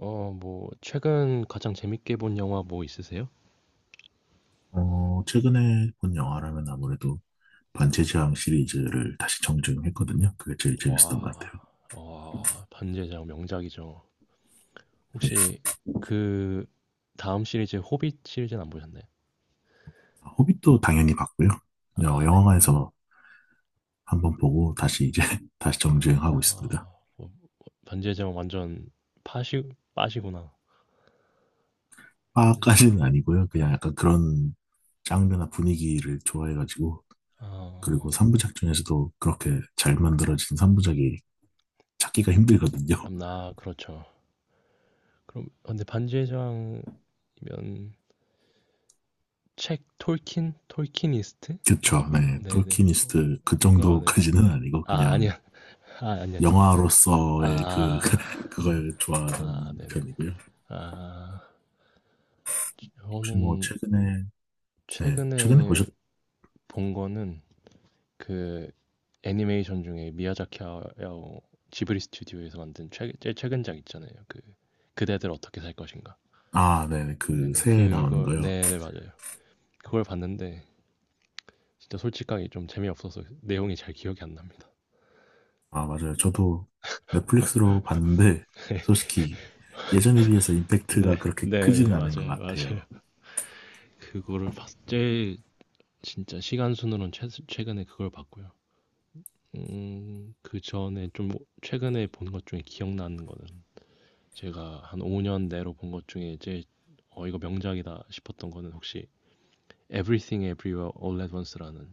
어, 뭐, 최근 가장 재밌게 본 영화 뭐 있으세요? 최근에 본 영화라면 아무래도 반지의 제왕 시리즈를 다시 정주행했거든요. 그게 제일 재밌었던 것 와, 같아요. 와, 반지의 제왕 명작이죠. 혹시 그 다음 시리즈 호빗 시리즈는 안 보셨나요? 아, 호빗도 당연히 봤고요. 아, 네. 영화관에서 한번 보고 다시 이제 다시 정주행하고 아, 있습니다. 뭐 반지의 제왕 완전 파시 빠시구나. 네, 파까지는 아니고요. 아, 그냥 네. 약간 그런 장르나 분위기를 좋아해가지고, 아, 그리고 3부작 중에서도 그렇게 잘 만들어진 3부작이 찾기가 힘들거든요. 나 그렇죠. 그럼 아, 근데 반지의 제왕이면 책 톨킨 톨키니스트라고 그쵸. 하나? 네. 네, 네. 어, 톨키니스트 그 아, 네. 정도까지는 아니고 아, 그냥 아니야. 아, 아니야. 영화로서의 그 아. 그걸 아 좋아하는 네네. 편이고요. 아. 혹시 뭐 저는 최근에, 네, 최근에 최근에 보셨... 본 거는 그 애니메이션 중에 미야자키 하야오 지브리 스튜디오에서 만든 최 제일 최근작 있잖아요. 그 그대들 어떻게 살 것인가. 아, 네, 그 네네. 새해 나오는 그걸 거요. 네네 맞아요. 그걸 봤는데 진짜 솔직하게 좀 재미없어서 내용이 잘 기억이 안 납니다. 아, 맞아요. 저도 넷플릭스로 봤는데 솔직히 예전에 비해서 네. 임팩트가 그렇게 네네 크지는 않은 것 맞아요. 맞아요. 같아요. 그거를 봤 제일 진짜 시간 순으로는 최 최근에 그걸 봤고요. 그 전에 좀 최근에 본 것 중에 기억나는 거는 제가 한 5년 내로 본 것 중에 제일 어, 이거 명작이다 싶었던 거는 혹시 Everything Everywhere All at Once라는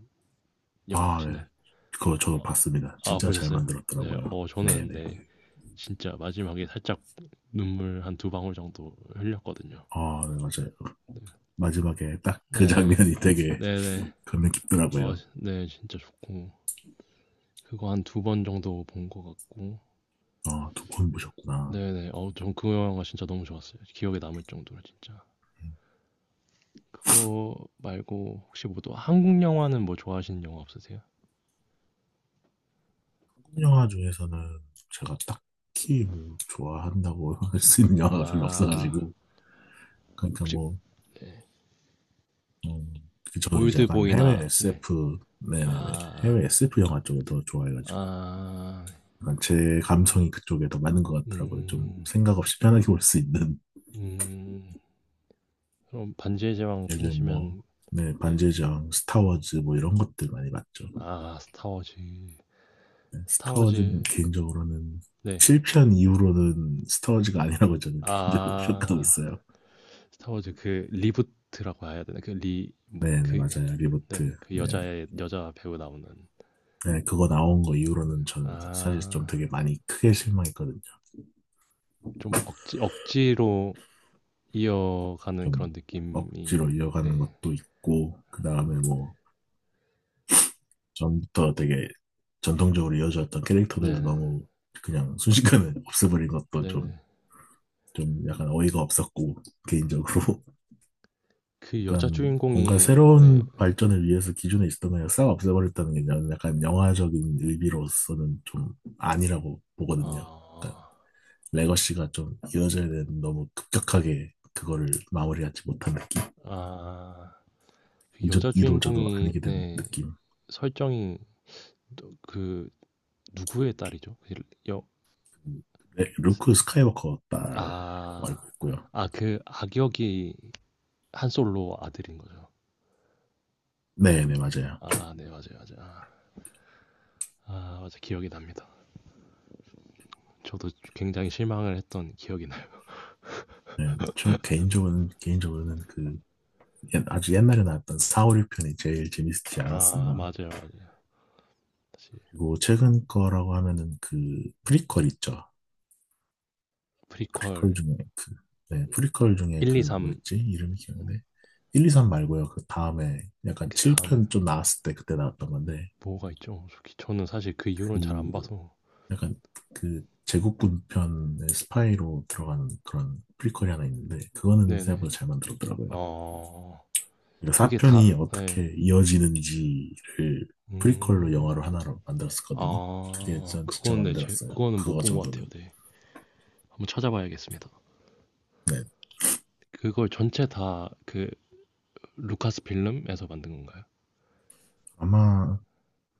영화 아, 네. 아시나요? 그거 저도 봤습니다. 아, 진짜 잘 보셨어요? 네, 만들었더라고요. 어, 저는 네네. 네, 진짜 마지막에 살짝 눈물 한 두 방울 정도 흘렸거든요. 아, 네, 맞아요. 마지막에 딱 그 네, 장면이 되게 네네. 감명 어, 깊더라고요. 네, 진짜 좋고. 그거 한 두 번 정도 본 것 같고. 아, 두 번 보셨구나. 네네. 어, 전 그 영화 진짜 너무 좋았어요. 기억에 남을 정도로 진짜. 그거 말고 혹시 뭐 또 한국 영화는 뭐 좋아하시는 영화 없으세요? 영화 중에서는 제가 딱히 뭐 좋아한다고 할 수 있는 영화가 별로 아, 없어가지고, 그러니까 혹시 뭐, 음, 그 저는 이제 약간 올드보이나 해외 네. SF, 네네네, 아, 해외 SF 영화 쪽을 더 좋아해가지고, 아, 약간 제 감성이 그쪽에 더 맞는 것 같더라고요. 좀 음, 생각 없이 편하게 볼 수 있는. 음. 그럼 반지의 제왕 요즘 팬이시면 뭐네 네. 반지의 제왕, 스타워즈 뭐 이런 것들 많이 봤죠. 아, 스타워즈. 네, 스타워즈. 스타워즈는 개인적으로는 네. 7편 이후로는 스타워즈가 아니라고 저는 개인적으로 평가하고 아, 있어요. 스타워즈 그 리부트라고 해야 되나? 그 리, 뭐, 네네, 그, 맞아요, 네, 리부트, 네. 그 네. 여자의 여자 배우 나오는. 네, 그거 나온 거 네. 이후로는 저는 사실 좀 아, 되게 많이 크게 실망했거든요. 좀 억지로 이어가는 좀 그런 억지로 느낌이 이어가는 네. 것도 있고, 그 다음에 뭐, 전부터 되게 전통적으로 이어졌던 캐릭터들도 네네. 너무 그냥 순식간에 없애버린 것도 좀, 네네. 좀 약간 어이가 없었고, 개인적으로. 그 여자 약간 뭔가 주인공이 네. 새로운 발전을 위해서 기존에 있었던 걸 싹 없애버렸다는 게 저는 약간 영화적인 의미로서는 좀 아니라고 보거든요. 그러니까 아. 레거시가 좀 이어져야 되는, 너무 급격하게 그거를 마무리하지 못한 느낌. 아. 그 이도, 여자 이도 저도 주인공이 아니게 된 네. 느낌. 설정이 또 그 누구의 딸이죠? 그 여 네, 루크 스카이워커 딸로 아. 알고 있고요. 아그 악역이 한솔로 아들인 거죠. 네, 네, 맞아요. 아 네. 맞아요, 맞아요. 아. 아 맞아. 기억이 납니다. 저도 굉장히 실망을 했던 기억이 나요. 네, 저 개인적으로는 그 아주 옛날에 나왔던 4, 5, 6편이 제일 재밌지 아 않았었나. 맞아요, 맞아요. 그리고 최근 거라고 하면은 그 프리퀄 있죠. 프리퀄 프리퀄 중에 그, 네, 프리퀄 중에 1, 그 2, 3 뭐였지? 이름이 기억나네. 1, 2, 3 말고요. 그 다음에 약간 그다음에 7편 좀 나왔을 때 그때 나왔던 건데, 뭐가 있죠? 솔직히 저는 사실 그 이후로는 잘 그 안 봐서. 약간 그 제국군 편의 스파이로 들어가는 그런 프리퀄이 하나 있는데 그거는 네네. 생각보다 잘 만들었더라고요. 어. 그 그게 4편이 다 네. 어떻게 이어지는지를 프리퀄로 음. 영화로 하나로 만들었었거든요. 그게 아. 전 진짜 그건 마음에 네 제 들었어요. 그거는 못 그거 본 것 같아요. 정도는. 네. 한번 찾아봐야겠습니다. 네. 그걸 전체 다 그 루카스필름에서 만든 건가요? 아마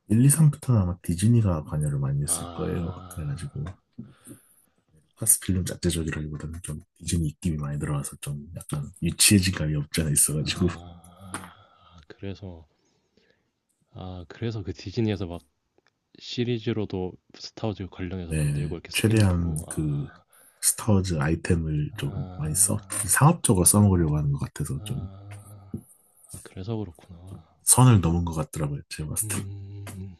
1, 2, 3부터는 아마 디즈니가 관여를 많이 했을 거예요. 아. 그래가지고 파스필름 자체적이라기보다는 좀 디즈니 입김이 많이 들어와서 좀 약간 유치해진 감이 없지 않아 있어가지고, 아. 그래서 아 그래서 그 디즈니에서 막 시리즈로도 스타워즈 관련해서 네, 만들고 이렇게 최대한 스핀오프로 그 아. 스타워즈 아이템을 좀 많이 써, 아. 상업적으로 써먹으려고 하는 것 같아서 좀 아. 아 그래서 그렇구나. 선을 넘은 것 같더라고요. 제가 봤을 때. 음.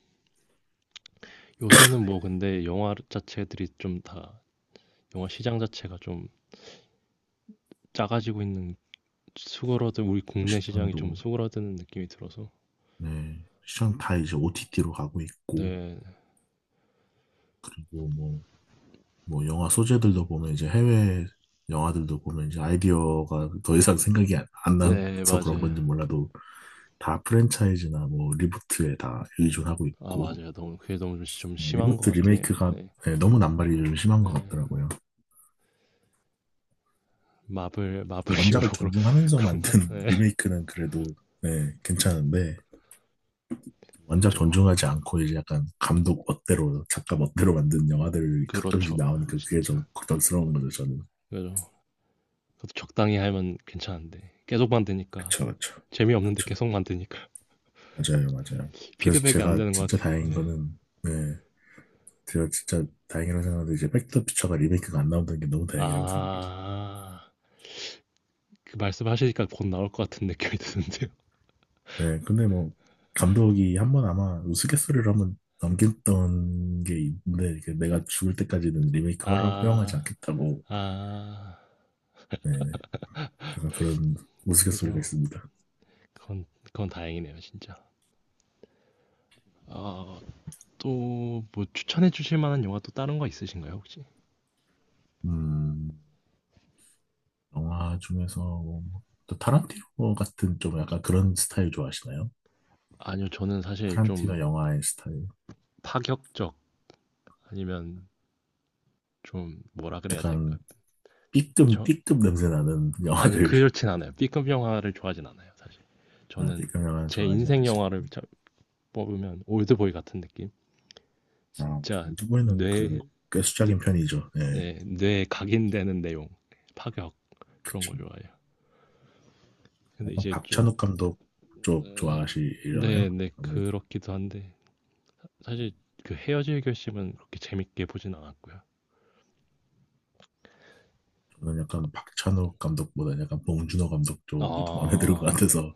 요새는 뭐 근데 영화 자체들이 좀 다 영화 시장 자체가 좀 작아지고 있는 수그러든 우리 국내 시장이 좀 시장도, 수그러드는 느낌이 들어서 네, 시장 다 이제 OTT로 가고 있고, 네. 그리고 뭐 영화 소재들도 보면 이제 해외 영화들도 보면 이제 아이디어가 더 이상 생각이 안 네 나서 그런 맞아요. 건지 몰라도 다 프랜차이즈나 뭐 리부트에 다 의존하고 아 있고, 맞아요. 너무 그게 너무 좀 좀 네, 심한 것 리부트 같긴 해요. 리메이크가, 네. 네, 너무 남발이 좀 심한 것 네. 같더라고요. 마블 원작을 히어로 그런 존중하면서 그런가? 만든 네. 리메이크는 그래도, 네, 괜찮은데, 원작 그죠. 존중하지 않고 이제 약간 감독 멋대로 작가 멋대로 만든 영화들이 가끔씩 그렇죠. 나오니까 그게 진짜. 좀 걱정스러운 거죠, 저는. 그죠. 그것도 적당히 하면 괜찮은데 계속 만드니까 그쵸, 그쵸, 재미없는데 그쵸. 계속 만드니까 맞아요, 맞아요. 그래서 피드백이 안 제가 되는 것 진짜 같아요. 다행인 거는, 네, 제가 진짜 다행이라고 생각하는데, 이제 백투더 피처가 리메이크가 안 나온다는 게 너무 다행이라고 생각해요. 아. 그 말씀하시니까 곧 나올 것 같은 느낌이 드는데요. 네, 근데 뭐, 감독이 한번 아마 우스갯소리로 한번 넘겼던 게 있는데, 이게 내가 죽을 때까지는 리메이크 허- 허용하지 아, 않겠다고. 아, 네네. 그래서 그런 우스갯소리가 그죠. 있습니다. 그건, 그건 다행이네요, 진짜. 아, 또 뭐 추천해 주실 만한 영화 또 다른 거 있으신가요, 혹시? 음, 영화 중에서, 뭐, 또 타란티노 같은 좀 약간 그런 스타일 좋아하시나요? 아니요, 저는 사실 타란티노 좀 영화의 스타일. 파격적 아니면 좀 뭐라 그래야 될까? 약간 B급, 저 B급 냄새 나는 아니요, 영화들. 그렇진 않아요. B급 영화를 좋아하진 않아요, 사실. 아, 저는 B급 영화는 제 좋아하지 인생 않으시고. 영화를 뽑으면 올드보이 같은 느낌? 아, 진짜 좀 후보에는 그래도 뇌, 꽤 뇌 수작인 편이죠. 네, 네, 뇌에 각인되는 내용, 파격 그런 걸 그쵸. 좋아해요. 근데 이제 좀 박찬욱 감독 쪽 좋아하시려나요? 네, 네 아무래도 그렇기도 한데 사실 그 헤어질 결심은 그렇게 재밌게 보진 않았고요. 저는 약간 박찬욱 감독보다는 약간 봉준호 감독 아, 쪽이 더 마음에 드는 것 같아서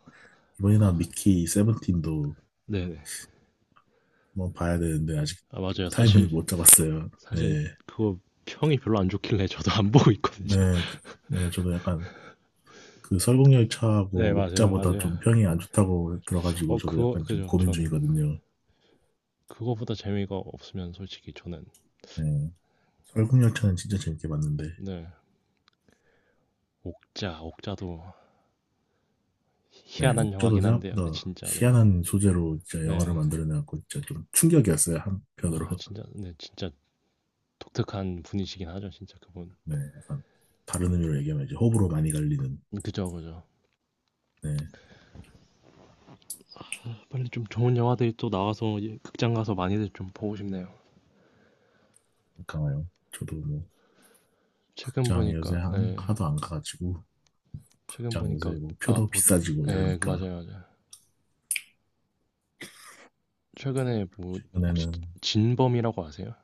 이번이나 아 미키 세븐틴도 네, 네, 한번 봐야 되는데 아직 아, 맞아요. 타이밍을 사실 못 잡았어요. 사실 네, 그거 평이 별로 안 좋길래 저도 안 보고 있거든요. 네, 네, 저도 약간 그 네, 설국열차하고 맞아요, 옥자보다 맞아요. 좀 평이 안 좋다고 들어가지고 어, 저도 그거 약간 좀 그죠. 고민 저는 중이거든요. 그거보다 재미가 없으면 솔직히 저는 네, 설국열차는 진짜 재밌게 봤는데, 네, 옥자도 네, 희한한 옥자도 영화긴 한데요. 근데 생각보다 진짜 네, 희한한 소재로 진짜 영화를 네. 만들어내갖고 진짜 좀 충격이었어요, 아, 한편으로. 진짜, 네, 진짜 독특한 분이시긴 하죠, 진짜 그분. 네, 약간 다른 의미로 얘기하면 이제 호불호 많이 갈리는... 그죠, 그죠. 네, 빨리 좀 좋은 영화들이 또 나와서 예, 극장 가서 많이들 좀 보고 싶네요. 강화요. 저도 뭐, 최근 극장 보니까, 요새 한, 예, 하도 안 가가지고, 최근 극장 요새 보니까 뭐, 아, 표도 뭐, 비싸지고 예, 이러니까, 맞아요, 맞아요. 최근에 뭐 혹시 최근에는... 진범이라고 아세요?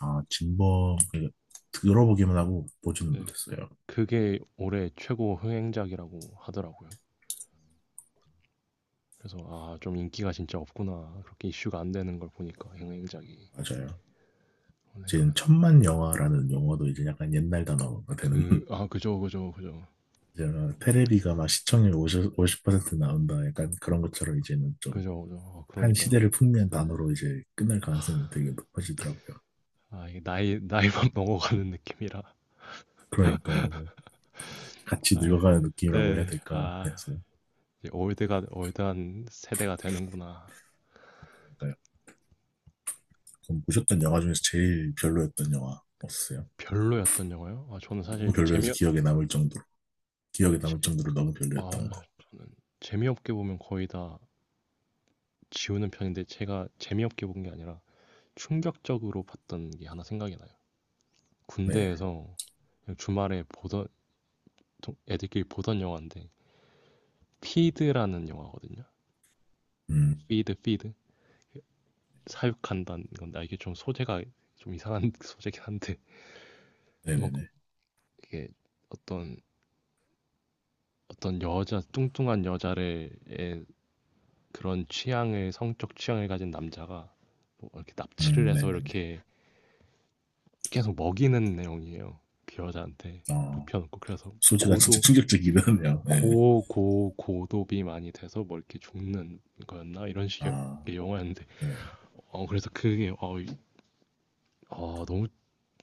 아, 진범, 그 들어보기만 하고 보지는 예, 못했어요. 그게 올해 최고 흥행작이라고 하더라고요. 그래서 아, 좀 인기가 진짜 없구나. 그렇게 이슈가 안 되는 걸 보니까 흥행작이 맞아요. 그런 생각을 지금 했어요. 천만 영화라는 용어도 이제 약간 옛날 단어가 되는, 그, 아, 그죠, 그죠, 그죠, 이제는 테레비가 막 시청률 십퍼50% 나온다. 약간 그런 것처럼 이제는 좀 그죠, 그죠. 아, 한 그러니까요. 시대를 풍미한 단어로 이제 끝날 가능성이 되게 높아지더라고요. 아, 이게 나이만 먹어가는 느낌이라. 그러니까요. 같이 아, 늙어가는 느낌이라고 해야 네. 될까 아, 해서. 이제 올드가 올드한 세대가 되는구나. 그러니까요. 그럼 보셨던 영화 중에서 제일 별로였던 영화 없으세요? 별로였던 영화요? 아, 저는 너무 사실 재미 별로여서 기억에 남을 정도로. 기억에 재- 남을 정도로 너무 별로였던 거. 아, 재미없게 보면 거의 다 지우는 편인데 제가 재미없게 본 게 아니라 충격적으로 봤던 게 하나 생각이 나요. 네. 군대에서 그냥 주말에 보던 좀 애들끼리 보던 영화인데 피드라는 영화거든요. 음, 피드 사육한다는 건데 아, 이게 좀 소재가 좀 이상한 소재긴 한데 한번 네네네. 이게 어떤 어떤 여자, 뚱뚱한 여자의 그런 취향을, 성적 취향을 가진 남자가 뭐 이렇게 납치를 해서 네네네. 이렇게 계속 먹이는 내용이에요. 그 여자한테 어, 눕혀놓고. 그래서 소재가 진짜 고도, 충격적이긴 하네요. 네. 고도비 많이 돼서 뭐 이렇게 죽는 거였나? 이런 식의 아, 영화였는데. 네. 어, 그래서 그게, 어, 어, 너무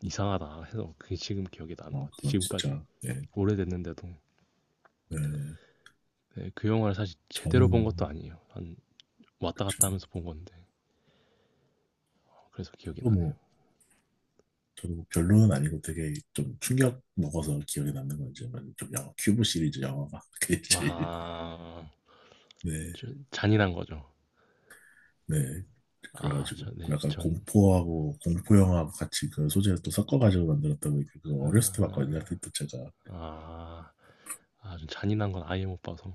이상하다 해서 그게 지금 기억이 나는 것 어, 같아. 요 그건 지금까지. 진짜, 네. 오래됐는데도. 네. 네, 그 영화를 사실 제대로 본 저는 것도 아니에요. 한 왔다 갔다 저- 하면서 본 건데. 어, 그래서 기억이 저도 나네요. 뭐, 저도 뭐 별로는 아니고 되게 좀 충격 먹어서 기억에 남는 건 이제 뭐좀 영화, 큐브 시리즈 영화가 그게 제일... 아, 네, 저- 잔인한 거죠. 네. 아, 그래가지고 저, 네, 약간 전, 공포하고 공포 영화하고 같이 그 소재를 또 섞어가지고 만들었던 게 그거 어렸을 때 봤거든요. 아, 하필 또 제가. 아, 아, 전 잔인한 건 아예 못 봐서.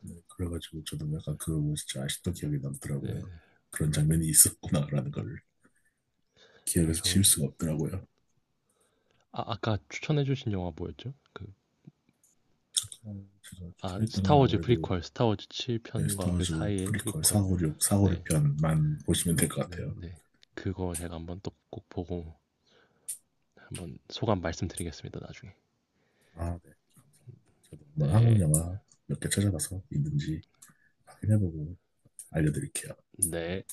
네, 그래가지고 저도 약간 그거 보고 진짜 아직도 기억에 네, 남더라고요. 그런 장면이 있었구나라는 걸 아, 기억에서 지울 전, 수가 없더라고요. 아, 아까 추천해주신 영화 뭐였죠? 그, 제가 아, 추천했던 게 스타워즈 아무래도, 프리퀄, 스타워즈 네, 7편과 그 스타워즈 사이의 프리퀄 프리퀄. 456, 네, 456편만 보시면 될 것 네, 같아요. 네. 그거 제가 한번 또 꼭 보고 한번 소감 말씀드리겠습니다, 나중에. 아, 네. 감사합니다. 저도 한번 네, 한국 영화 몇 개 찾아봐서 있는지 확인해보고 알려드릴게요. 네.